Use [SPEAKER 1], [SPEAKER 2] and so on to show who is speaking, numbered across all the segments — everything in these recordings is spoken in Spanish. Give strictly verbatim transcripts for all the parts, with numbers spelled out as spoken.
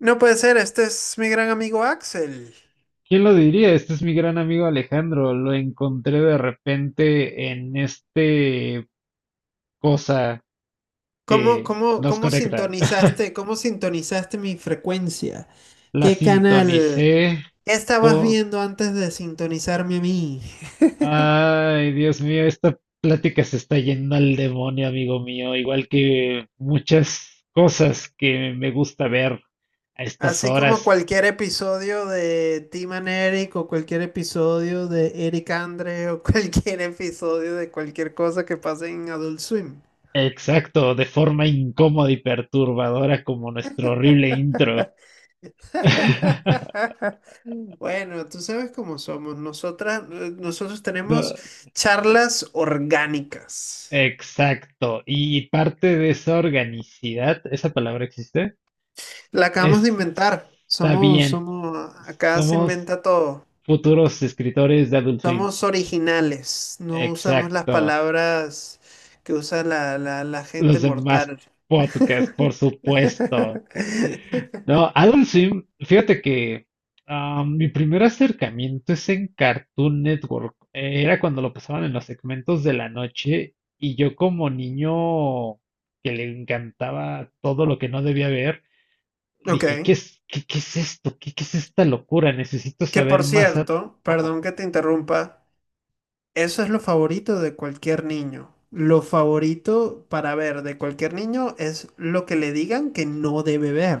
[SPEAKER 1] No puede ser, este es mi gran amigo Axel.
[SPEAKER 2] ¿Quién lo diría? Este es mi gran amigo Alejandro. Lo encontré de repente en este cosa
[SPEAKER 1] ¿Cómo,
[SPEAKER 2] que
[SPEAKER 1] cómo,
[SPEAKER 2] nos
[SPEAKER 1] cómo
[SPEAKER 2] conecta.
[SPEAKER 1] sintonizaste, cómo sintonizaste mi frecuencia?
[SPEAKER 2] La
[SPEAKER 1] ¿Qué
[SPEAKER 2] sintonicé
[SPEAKER 1] canal estabas
[SPEAKER 2] con...
[SPEAKER 1] viendo antes de sintonizarme a mí?
[SPEAKER 2] Ay, Dios mío, esta plática se está yendo al demonio, amigo mío. Igual que muchas cosas que me gusta ver a estas
[SPEAKER 1] Así como
[SPEAKER 2] horas.
[SPEAKER 1] cualquier episodio de Tim and Eric o cualquier episodio de Eric Andre o cualquier episodio de cualquier cosa que pase en Adult Swim.
[SPEAKER 2] Exacto, de forma incómoda y perturbadora como nuestro horrible intro.
[SPEAKER 1] Bueno, tú sabes cómo somos. Nosotras, eh, nosotros
[SPEAKER 2] No.
[SPEAKER 1] tenemos charlas orgánicas.
[SPEAKER 2] Exacto. Y parte de esa organicidad, ¿esa palabra existe?
[SPEAKER 1] La acabamos de
[SPEAKER 2] Es-
[SPEAKER 1] inventar.
[SPEAKER 2] Está
[SPEAKER 1] Somos,
[SPEAKER 2] bien.
[SPEAKER 1] somos, acá se
[SPEAKER 2] Somos
[SPEAKER 1] inventa todo.
[SPEAKER 2] futuros escritores de Adult Swim.
[SPEAKER 1] Somos originales. No usamos las
[SPEAKER 2] Exacto.
[SPEAKER 1] palabras que usa la, la, la gente
[SPEAKER 2] Los demás
[SPEAKER 1] mortal.
[SPEAKER 2] podcasts, por supuesto. No, Adult Swim, fíjate que ah, mi primer acercamiento es en Cartoon Network. Eh, Era cuando lo pasaban en los segmentos de la noche y yo como niño que le encantaba todo lo que no debía ver. Dije, ¿qué
[SPEAKER 1] Ok.
[SPEAKER 2] es, qué, qué es esto? ¿Qué, qué es esta locura? Necesito
[SPEAKER 1] Que por
[SPEAKER 2] saber más. a-
[SPEAKER 1] cierto,
[SPEAKER 2] Ajá,
[SPEAKER 1] perdón que te interrumpa. Eso es lo favorito de cualquier niño. Lo favorito para ver de cualquier niño es lo que le digan que no debe ver.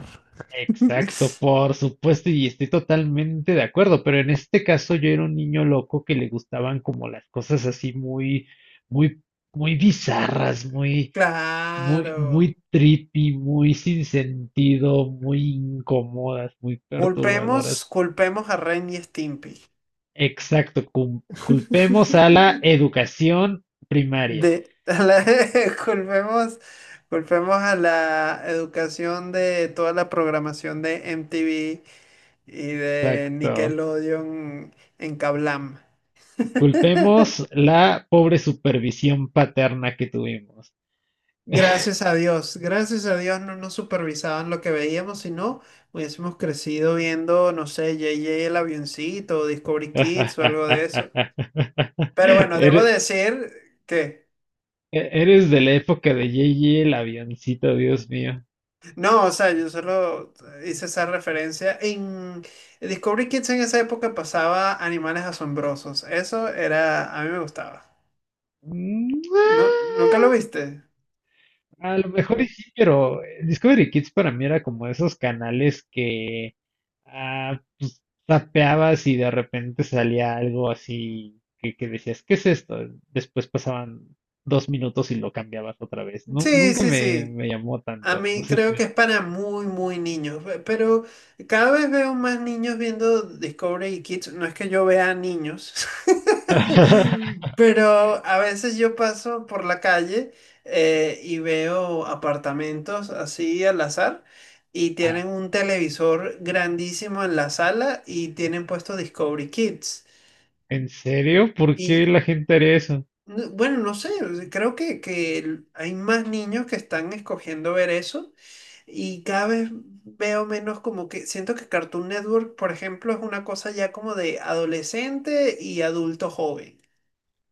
[SPEAKER 2] exacto, por supuesto, y estoy totalmente de acuerdo, pero en este caso yo era un niño loco que le gustaban como las cosas así muy, muy, muy bizarras, muy, muy,
[SPEAKER 1] Claro.
[SPEAKER 2] muy trippy, muy sin sentido, muy incómodas, muy
[SPEAKER 1] Culpemos,
[SPEAKER 2] perturbadoras.
[SPEAKER 1] culpemos a Ren y Stimpy.
[SPEAKER 2] Exacto, cul- culpemos a la educación primaria.
[SPEAKER 1] De, a la- culpemos, culpemos a la educación de toda la programación de M T V y de
[SPEAKER 2] Exacto.
[SPEAKER 1] Nickelodeon en Kablam.
[SPEAKER 2] Culpemos la pobre supervisión paterna que tuvimos.
[SPEAKER 1] Gracias a Dios, gracias a Dios no nos supervisaban lo que veíamos, sino hubiésemos crecido viendo, no sé, J J el avioncito, o Discovery Kids o algo de eso. Pero bueno, debo
[SPEAKER 2] Ere-
[SPEAKER 1] decir que
[SPEAKER 2] e- Eres de la época de J J el avioncito, Dios mío.
[SPEAKER 1] no, o sea, yo solo hice esa referencia. En Discovery Kids en esa época pasaba animales asombrosos. Eso era, a mí me gustaba. ¿No? ¿Nunca lo viste?
[SPEAKER 2] A lo mejor y sí, pero eh, Discovery Kids para mí era como esos canales que ah, pues, tapeabas y de repente salía algo así que, que decías, ¿qué es esto? Después pasaban dos minutos y lo cambiabas otra vez. Nu-
[SPEAKER 1] Sí,
[SPEAKER 2] nunca
[SPEAKER 1] sí,
[SPEAKER 2] me,
[SPEAKER 1] sí.
[SPEAKER 2] me llamó
[SPEAKER 1] A
[SPEAKER 2] tanto, no
[SPEAKER 1] mí
[SPEAKER 2] sé. Tú.
[SPEAKER 1] creo que es para muy, muy niños, pe- pero cada vez veo más niños viendo Discovery Kids. No es que yo vea niños, pero a veces yo paso por la calle eh, y veo apartamentos así al azar y
[SPEAKER 2] Ah,
[SPEAKER 1] tienen un televisor grandísimo en la sala y tienen puesto Discovery Kids.
[SPEAKER 2] ¿En serio? ¿Por qué
[SPEAKER 1] Y
[SPEAKER 2] la gente haría eso?
[SPEAKER 1] n- bueno, no sé, creo que, que hay más niños que están escogiendo ver eso y cada vez veo menos como que siento que Cartoon Network, por ejemplo, es una cosa ya como de adolescente y adulto joven.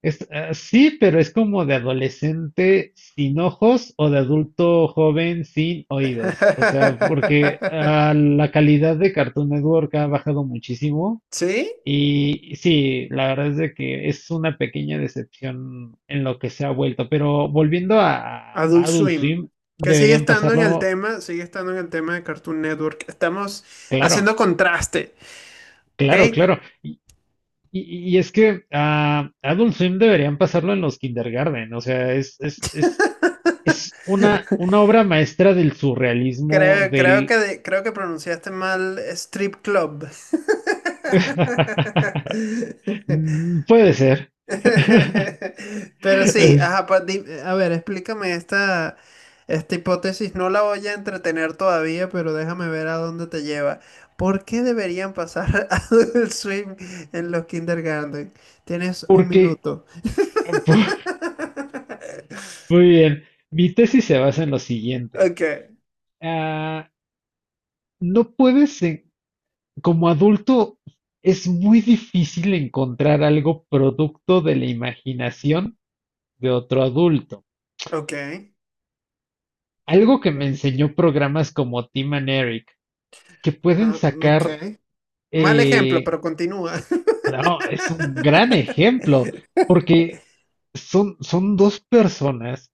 [SPEAKER 2] Es, ah, sí, pero es como de adolescente sin ojos o de adulto joven sin oídos. O sea, porque ah, la calidad de Cartoon Network ha bajado muchísimo.
[SPEAKER 1] ¿Sí?
[SPEAKER 2] Y sí, la verdad es de que es una pequeña decepción en lo que se ha vuelto. Pero volviendo a, a
[SPEAKER 1] Adult
[SPEAKER 2] Adult
[SPEAKER 1] Swim.
[SPEAKER 2] Swim,
[SPEAKER 1] Que sigue
[SPEAKER 2] deberían
[SPEAKER 1] estando en el
[SPEAKER 2] pasarlo,
[SPEAKER 1] tema, sigue estando en el tema de Cartoon Network. Estamos
[SPEAKER 2] claro,
[SPEAKER 1] haciendo contraste, ¿ok?
[SPEAKER 2] claro, claro. Y, y- y es que a Adult Swim deberían pasarlo en los kindergarten. O sea, es, es, es Es una, una obra maestra del surrealismo,
[SPEAKER 1] Creo, creo
[SPEAKER 2] del...
[SPEAKER 1] que, de- creo que pronunciaste mal Strip Club.
[SPEAKER 2] Mm, puede ser.
[SPEAKER 1] Pero sí,
[SPEAKER 2] Es
[SPEAKER 1] ajá, pa- di- a ver, explícame esta, esta hipótesis. No la voy a entretener todavía, pero déjame ver a dónde te lleva. ¿Por qué deberían pasar a Adult Swim en los kindergarten? Tienes un
[SPEAKER 2] porque,
[SPEAKER 1] minuto.
[SPEAKER 2] muy bien, mi tesis se basa en lo siguiente.
[SPEAKER 1] Ok,
[SPEAKER 2] Ah, no puedes, en- como adulto, es muy difícil encontrar algo producto de la imaginación de otro adulto.
[SPEAKER 1] ok,
[SPEAKER 2] Algo que me enseñó programas como Tim and Eric, que pueden
[SPEAKER 1] ah, ok.
[SPEAKER 2] sacar
[SPEAKER 1] Mal ejemplo,
[SPEAKER 2] eh,
[SPEAKER 1] pero continúa.
[SPEAKER 2] No, es un gran ejemplo, porque son, son dos personas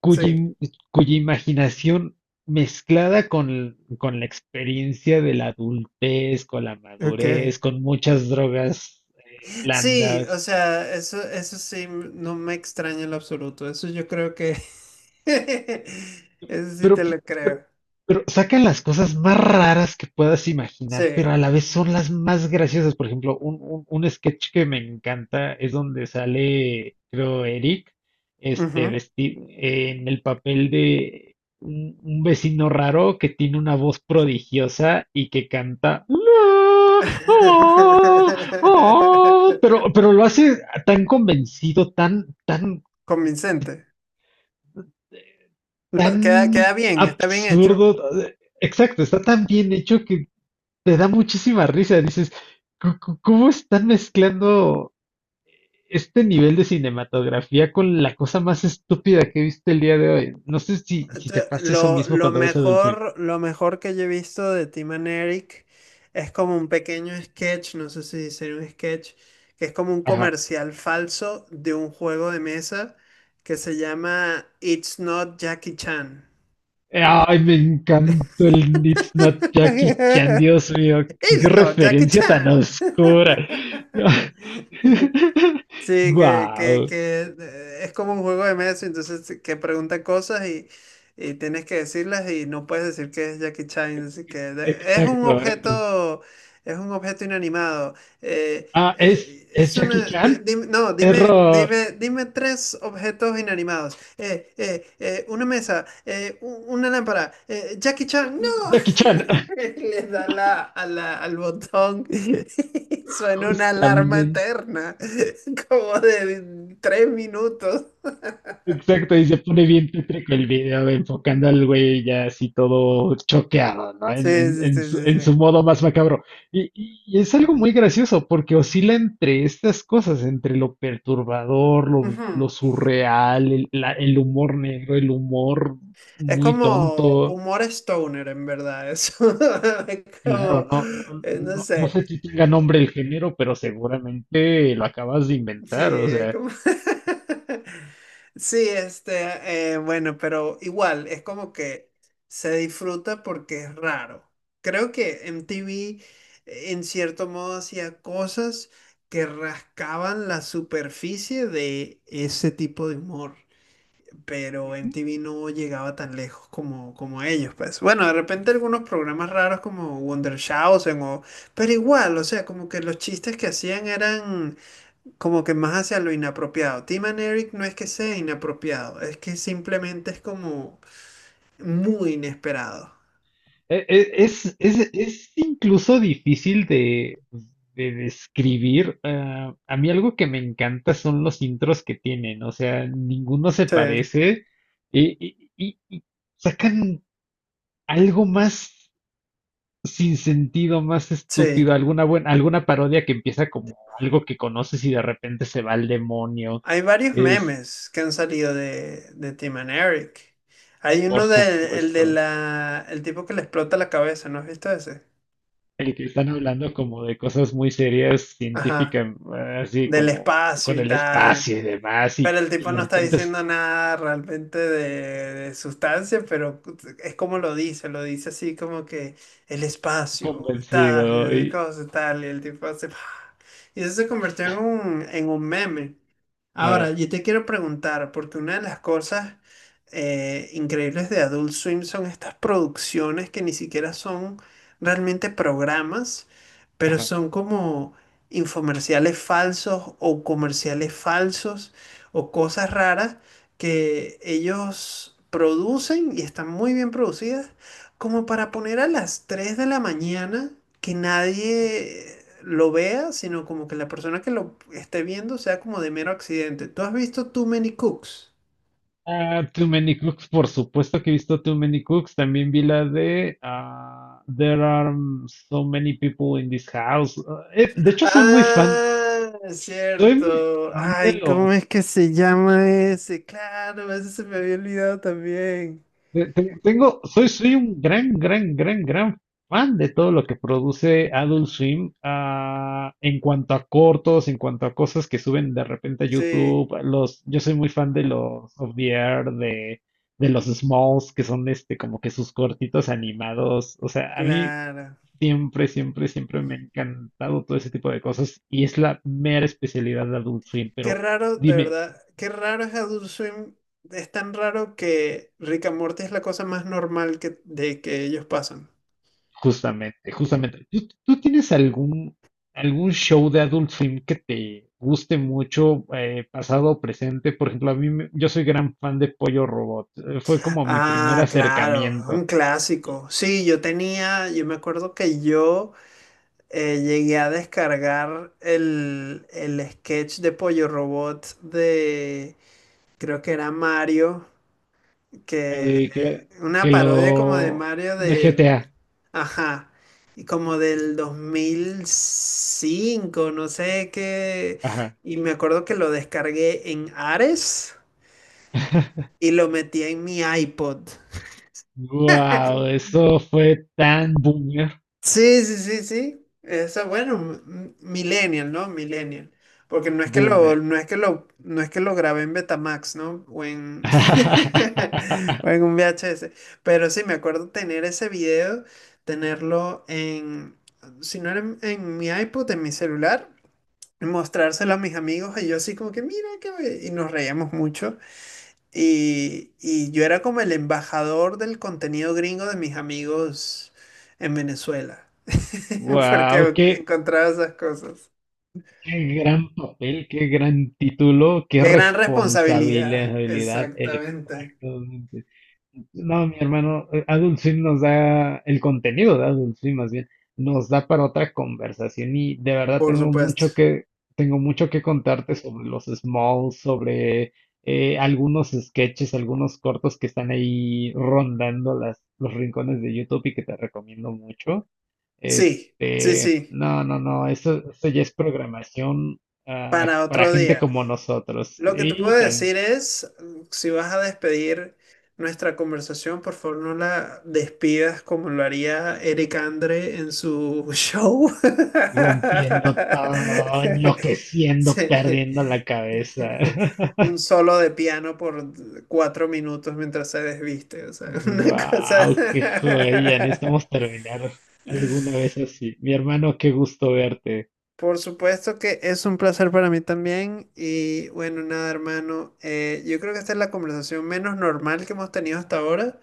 [SPEAKER 2] cuya,
[SPEAKER 1] Sí,
[SPEAKER 2] im- cuya imaginación mezclada con, con la experiencia de la adultez, con la
[SPEAKER 1] ok.
[SPEAKER 2] madurez, con muchas drogas eh,
[SPEAKER 1] Sí, o
[SPEAKER 2] blandas,
[SPEAKER 1] sea, eso, eso sí, m- no me extraña en lo absoluto. Eso yo creo que... Eso sí
[SPEAKER 2] Pero,
[SPEAKER 1] te lo
[SPEAKER 2] pero,
[SPEAKER 1] creo.
[SPEAKER 2] pero sacan las cosas más raras que puedas imaginar, pero
[SPEAKER 1] Sí.
[SPEAKER 2] a la vez son las más graciosas. Por ejemplo, un, un- un sketch que me encanta es donde sale, creo, Eric, este,
[SPEAKER 1] Ujú.
[SPEAKER 2] vestido en el papel de un, un vecino raro que tiene una voz prodigiosa y que canta. "Ah, ah, ah", pero, pero lo hace tan convencido, tan, tan
[SPEAKER 1] Convincente. Lo- Queda,
[SPEAKER 2] tan
[SPEAKER 1] queda bien, está bien hecho.
[SPEAKER 2] absurdo. eh, Exacto, está tan bien hecho que te da muchísima risa. Dices, "¿Cu- cu- ¿cómo están mezclando este nivel de cinematografía con la cosa más estúpida que he visto el día de hoy? No sé si, si te
[SPEAKER 1] Te-
[SPEAKER 2] pasa eso
[SPEAKER 1] Lo,
[SPEAKER 2] mismo
[SPEAKER 1] lo
[SPEAKER 2] cuando ves Adult Swim.
[SPEAKER 1] mejor, lo mejor que yo he visto de Tim and Eric es como un pequeño sketch, no sé si sería un sketch, que es como un
[SPEAKER 2] Ajá.
[SPEAKER 1] comercial falso de un juego de mesa que se llama It's Not Jackie Chan.
[SPEAKER 2] Ay, me encantó el It's Not Jackie Chan, Dios mío, qué
[SPEAKER 1] It's Not Jackie
[SPEAKER 2] referencia tan
[SPEAKER 1] Chan.
[SPEAKER 2] oscura.
[SPEAKER 1] Sí, que, que,
[SPEAKER 2] Wow,
[SPEAKER 1] que eh, es como un juego de mesa, entonces que pregunta cosas y, y tienes que decirlas y no puedes decir que es Jackie Chan, así que de- es un
[SPEAKER 2] exacto. eh,
[SPEAKER 1] objeto, es un objeto inanimado. Eh,
[SPEAKER 2] Ah, es,
[SPEAKER 1] eh,
[SPEAKER 2] es
[SPEAKER 1] es
[SPEAKER 2] Jackie
[SPEAKER 1] una, di-
[SPEAKER 2] Chan.
[SPEAKER 1] dime- no, dime,
[SPEAKER 2] Error.
[SPEAKER 1] dime, dime tres objetos inanimados. Eh, eh, eh, una mesa, eh, u- una lámpara, eh, Jackie Chan, no.
[SPEAKER 2] Jackie Chan.
[SPEAKER 1] Le da la, a la- al botón y suena una alarma
[SPEAKER 2] Justamente.
[SPEAKER 1] eterna, como de tres minutos.
[SPEAKER 2] Exacto, y se pone bien tétrico el video, enfocando al güey ya así todo choqueado, ¿no? En,
[SPEAKER 1] Sí,
[SPEAKER 2] en-
[SPEAKER 1] sí,
[SPEAKER 2] en
[SPEAKER 1] sí,
[SPEAKER 2] su,
[SPEAKER 1] sí,
[SPEAKER 2] en su
[SPEAKER 1] sí.
[SPEAKER 2] modo más macabro. Y, y- y es algo muy gracioso, porque oscila entre estas cosas, entre lo perturbador, lo, lo
[SPEAKER 1] Ujú.
[SPEAKER 2] surreal, el, la- el humor negro, el humor
[SPEAKER 1] Es
[SPEAKER 2] muy
[SPEAKER 1] como
[SPEAKER 2] tonto.
[SPEAKER 1] humor stoner, en verdad, eso. Es
[SPEAKER 2] Claro,
[SPEAKER 1] como,
[SPEAKER 2] no, no,
[SPEAKER 1] eh, no
[SPEAKER 2] no, no
[SPEAKER 1] sé,
[SPEAKER 2] sé si tenga nombre el género, pero seguramente lo acabas de
[SPEAKER 1] sí,
[SPEAKER 2] inventar. O
[SPEAKER 1] eh,
[SPEAKER 2] sea,
[SPEAKER 1] como... Sí, este, eh, bueno, pero igual, es como que se disfruta porque es raro. Creo que M T V eh, en cierto modo hacía cosas que rascaban la superficie de ese tipo de humor, pero
[SPEAKER 2] Ujú.
[SPEAKER 1] M T V no llegaba tan lejos como, como ellos, pues. Bueno, de repente algunos programas raros como Wondershowsen o... Pero igual, o sea, como que los chistes que hacían eran como que más hacia lo inapropiado. Tim and Eric no es que sea inapropiado, es que simplemente es como muy inesperado.
[SPEAKER 2] e- e- es, es, es incluso difícil de, de describir. Ah, a mí algo que me encanta son los intros que tienen. O sea, ninguno se
[SPEAKER 1] Sí.
[SPEAKER 2] parece y, y- y- y sacan algo más sin sentido, más estúpido,
[SPEAKER 1] Sí,
[SPEAKER 2] alguna buena, alguna parodia que empieza como algo que conoces y de repente se va al demonio.
[SPEAKER 1] hay varios memes que han salido de, de Tim and Eric. Hay
[SPEAKER 2] Por
[SPEAKER 1] uno de, el de
[SPEAKER 2] supuesto.
[SPEAKER 1] la, el tipo que le explota la cabeza, ¿no has visto ese?
[SPEAKER 2] El que están hablando como de cosas muy serias,
[SPEAKER 1] Ajá.
[SPEAKER 2] científicas, así
[SPEAKER 1] Del
[SPEAKER 2] como
[SPEAKER 1] espacio
[SPEAKER 2] con
[SPEAKER 1] y
[SPEAKER 2] el
[SPEAKER 1] tal.
[SPEAKER 2] espacio y demás, y,
[SPEAKER 1] Pero el tipo
[SPEAKER 2] y de
[SPEAKER 1] no está
[SPEAKER 2] repente es
[SPEAKER 1] diciendo nada realmente de, de sustancia, pero es como lo dice, lo dice así como que el espacio, tal, y
[SPEAKER 2] convencido.
[SPEAKER 1] esas
[SPEAKER 2] Y
[SPEAKER 1] cosas, tal, y el tipo hace... Y eso se convirtió en un, en un meme.
[SPEAKER 2] claro,
[SPEAKER 1] Ahora, yo te quiero preguntar, porque una de las cosas eh, increíbles de Adult Swim son estas producciones que ni siquiera son realmente programas, pero
[SPEAKER 2] ajá.
[SPEAKER 1] son como infomerciales falsos o comerciales falsos o cosas raras que ellos producen y están muy bien producidas como para poner a las tres de la mañana que nadie lo vea, sino como que la persona que lo esté viendo sea como de mero accidente. ¿Tú has visto Too Many Cooks?
[SPEAKER 2] Ah, Too Many Cooks, por supuesto que he visto Too Many Cooks. También vi la de ah, There are so many people in this house. Ah, eh, de hecho, soy muy fan,
[SPEAKER 1] Ah, es
[SPEAKER 2] soy muy
[SPEAKER 1] cierto.
[SPEAKER 2] fan de
[SPEAKER 1] Ay, ¿cómo es
[SPEAKER 2] los
[SPEAKER 1] que se llama ese? Claro, ese se me había olvidado también.
[SPEAKER 2] Te- te- Tengo, soy, soy un gran, gran, gran, gran fan de todo lo que produce Adult Swim, ah, en cuanto a cortos, en cuanto a cosas que suben de repente a
[SPEAKER 1] Sí,
[SPEAKER 2] YouTube. Los, yo soy muy fan de los Of the Air, de, de los Smalls, que son este, como que sus cortitos animados. O sea, a mí
[SPEAKER 1] claro.
[SPEAKER 2] siempre, siempre, siempre me ha encantado todo ese tipo de cosas y es la mera especialidad de Adult Swim.
[SPEAKER 1] Qué
[SPEAKER 2] Pero
[SPEAKER 1] raro, de
[SPEAKER 2] dime,
[SPEAKER 1] verdad. Qué raro es Adult Swim. Es tan raro que Rick and Morty es la cosa más normal que, de que ellos pasan.
[SPEAKER 2] justamente, justamente. ¿Tú, tú tienes algún, algún show de Adult Swim que te guste mucho, eh, pasado o presente? Por ejemplo, a mí, me- yo soy gran fan de Pollo Robot. Eh, Fue como mi primer
[SPEAKER 1] Ah, claro,
[SPEAKER 2] acercamiento.
[SPEAKER 1] un clásico. Sí, yo tenía, yo me acuerdo que yo eh, llegué a descargar el, el sketch de Pollo Robot de, creo que era Mario, que
[SPEAKER 2] El
[SPEAKER 1] eh,
[SPEAKER 2] que,
[SPEAKER 1] una
[SPEAKER 2] que
[SPEAKER 1] parodia como de
[SPEAKER 2] lo...
[SPEAKER 1] Mario
[SPEAKER 2] de
[SPEAKER 1] de,
[SPEAKER 2] G T A.
[SPEAKER 1] ajá, y como del dos mil cinco, no sé qué,
[SPEAKER 2] Ajá.
[SPEAKER 1] y me acuerdo que lo descargué en Ares y lo metí en mi iPod.
[SPEAKER 2] Wow, eso fue tan boomer,
[SPEAKER 1] Sí, sí, sí, sí. Eso, bueno, m- millennial, ¿no? Millennial. Porque no es que lo,
[SPEAKER 2] boomer.
[SPEAKER 1] no es que lo, no es que lo grabé en Betamax, ¿no? O en, o en un V H S. Pero sí, me acuerdo tener ese video, tenerlo en, si no era en, en mi iPod, en mi celular, y mostrárselo a mis amigos y yo así como que, mira, qué be-". Y nos reíamos mucho. Y, y yo era como el embajador del contenido gringo de mis amigos en Venezuela.
[SPEAKER 2] Wow,
[SPEAKER 1] Porque
[SPEAKER 2] qué,
[SPEAKER 1] encontraba esas cosas.
[SPEAKER 2] qué gran papel, qué gran título, qué
[SPEAKER 1] Qué gran responsabilidad.
[SPEAKER 2] responsabilidad,
[SPEAKER 1] Exactamente.
[SPEAKER 2] exactamente. No, mi hermano, eh, Adult Swim nos da el contenido de Adult Swim, más bien, nos da para otra conversación y de verdad
[SPEAKER 1] Por
[SPEAKER 2] tengo
[SPEAKER 1] supuesto.
[SPEAKER 2] mucho que tengo mucho que contarte sobre los Smalls, sobre eh, algunos sketches, algunos cortos que están ahí rondando las, los rincones de YouTube y que te recomiendo mucho.
[SPEAKER 1] Sí, sí,
[SPEAKER 2] Este,
[SPEAKER 1] sí.
[SPEAKER 2] no, no, no, eso, eso ya es programación ah,
[SPEAKER 1] Para
[SPEAKER 2] para
[SPEAKER 1] otro
[SPEAKER 2] gente
[SPEAKER 1] día.
[SPEAKER 2] como nosotros.
[SPEAKER 1] Lo que te puedo
[SPEAKER 2] Y
[SPEAKER 1] decir
[SPEAKER 2] tan-
[SPEAKER 1] es, si vas a despedir nuestra conversación, por favor no la despidas como lo haría Eric Andre en su show.
[SPEAKER 2] rompiendo todo,
[SPEAKER 1] Sí.
[SPEAKER 2] enloqueciendo, perdiendo la cabeza.
[SPEAKER 1] Un solo de piano por cuatro minutos mientras se desviste, o sea, una cosa.
[SPEAKER 2] Wow, qué joya, necesitamos terminar alguna vez así. Mi hermano, qué gusto verte
[SPEAKER 1] Por supuesto que es un placer para mí también y bueno, nada hermano, eh, yo creo que esta es la conversación menos normal que hemos tenido hasta ahora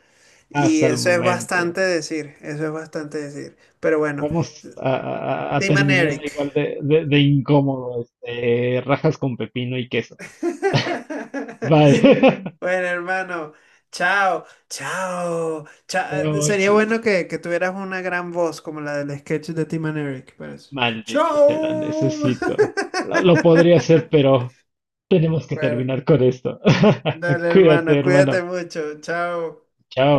[SPEAKER 1] y
[SPEAKER 2] hasta el
[SPEAKER 1] eso es
[SPEAKER 2] momento.
[SPEAKER 1] bastante decir, eso es bastante decir. Pero bueno,
[SPEAKER 2] Vamos a, a- a- a
[SPEAKER 1] Team and
[SPEAKER 2] terminar
[SPEAKER 1] Eric.
[SPEAKER 2] igual de, de, de incómodo, este, rajas con pepino y queso. Vale.
[SPEAKER 1] Bueno hermano, chao, chao, cha- eh, sería
[SPEAKER 2] Chao,
[SPEAKER 1] bueno que, que tuvieras una gran voz como la del sketch de Team and Eric, pero eso.
[SPEAKER 2] maldito, sea, la
[SPEAKER 1] Chao.
[SPEAKER 2] necesito. Lo, lo podría hacer, pero tenemos que
[SPEAKER 1] Bueno.
[SPEAKER 2] terminar con esto.
[SPEAKER 1] Dale,
[SPEAKER 2] Cuídate,
[SPEAKER 1] hermano, cuídate
[SPEAKER 2] hermano.
[SPEAKER 1] mucho. Chao.
[SPEAKER 2] Chao.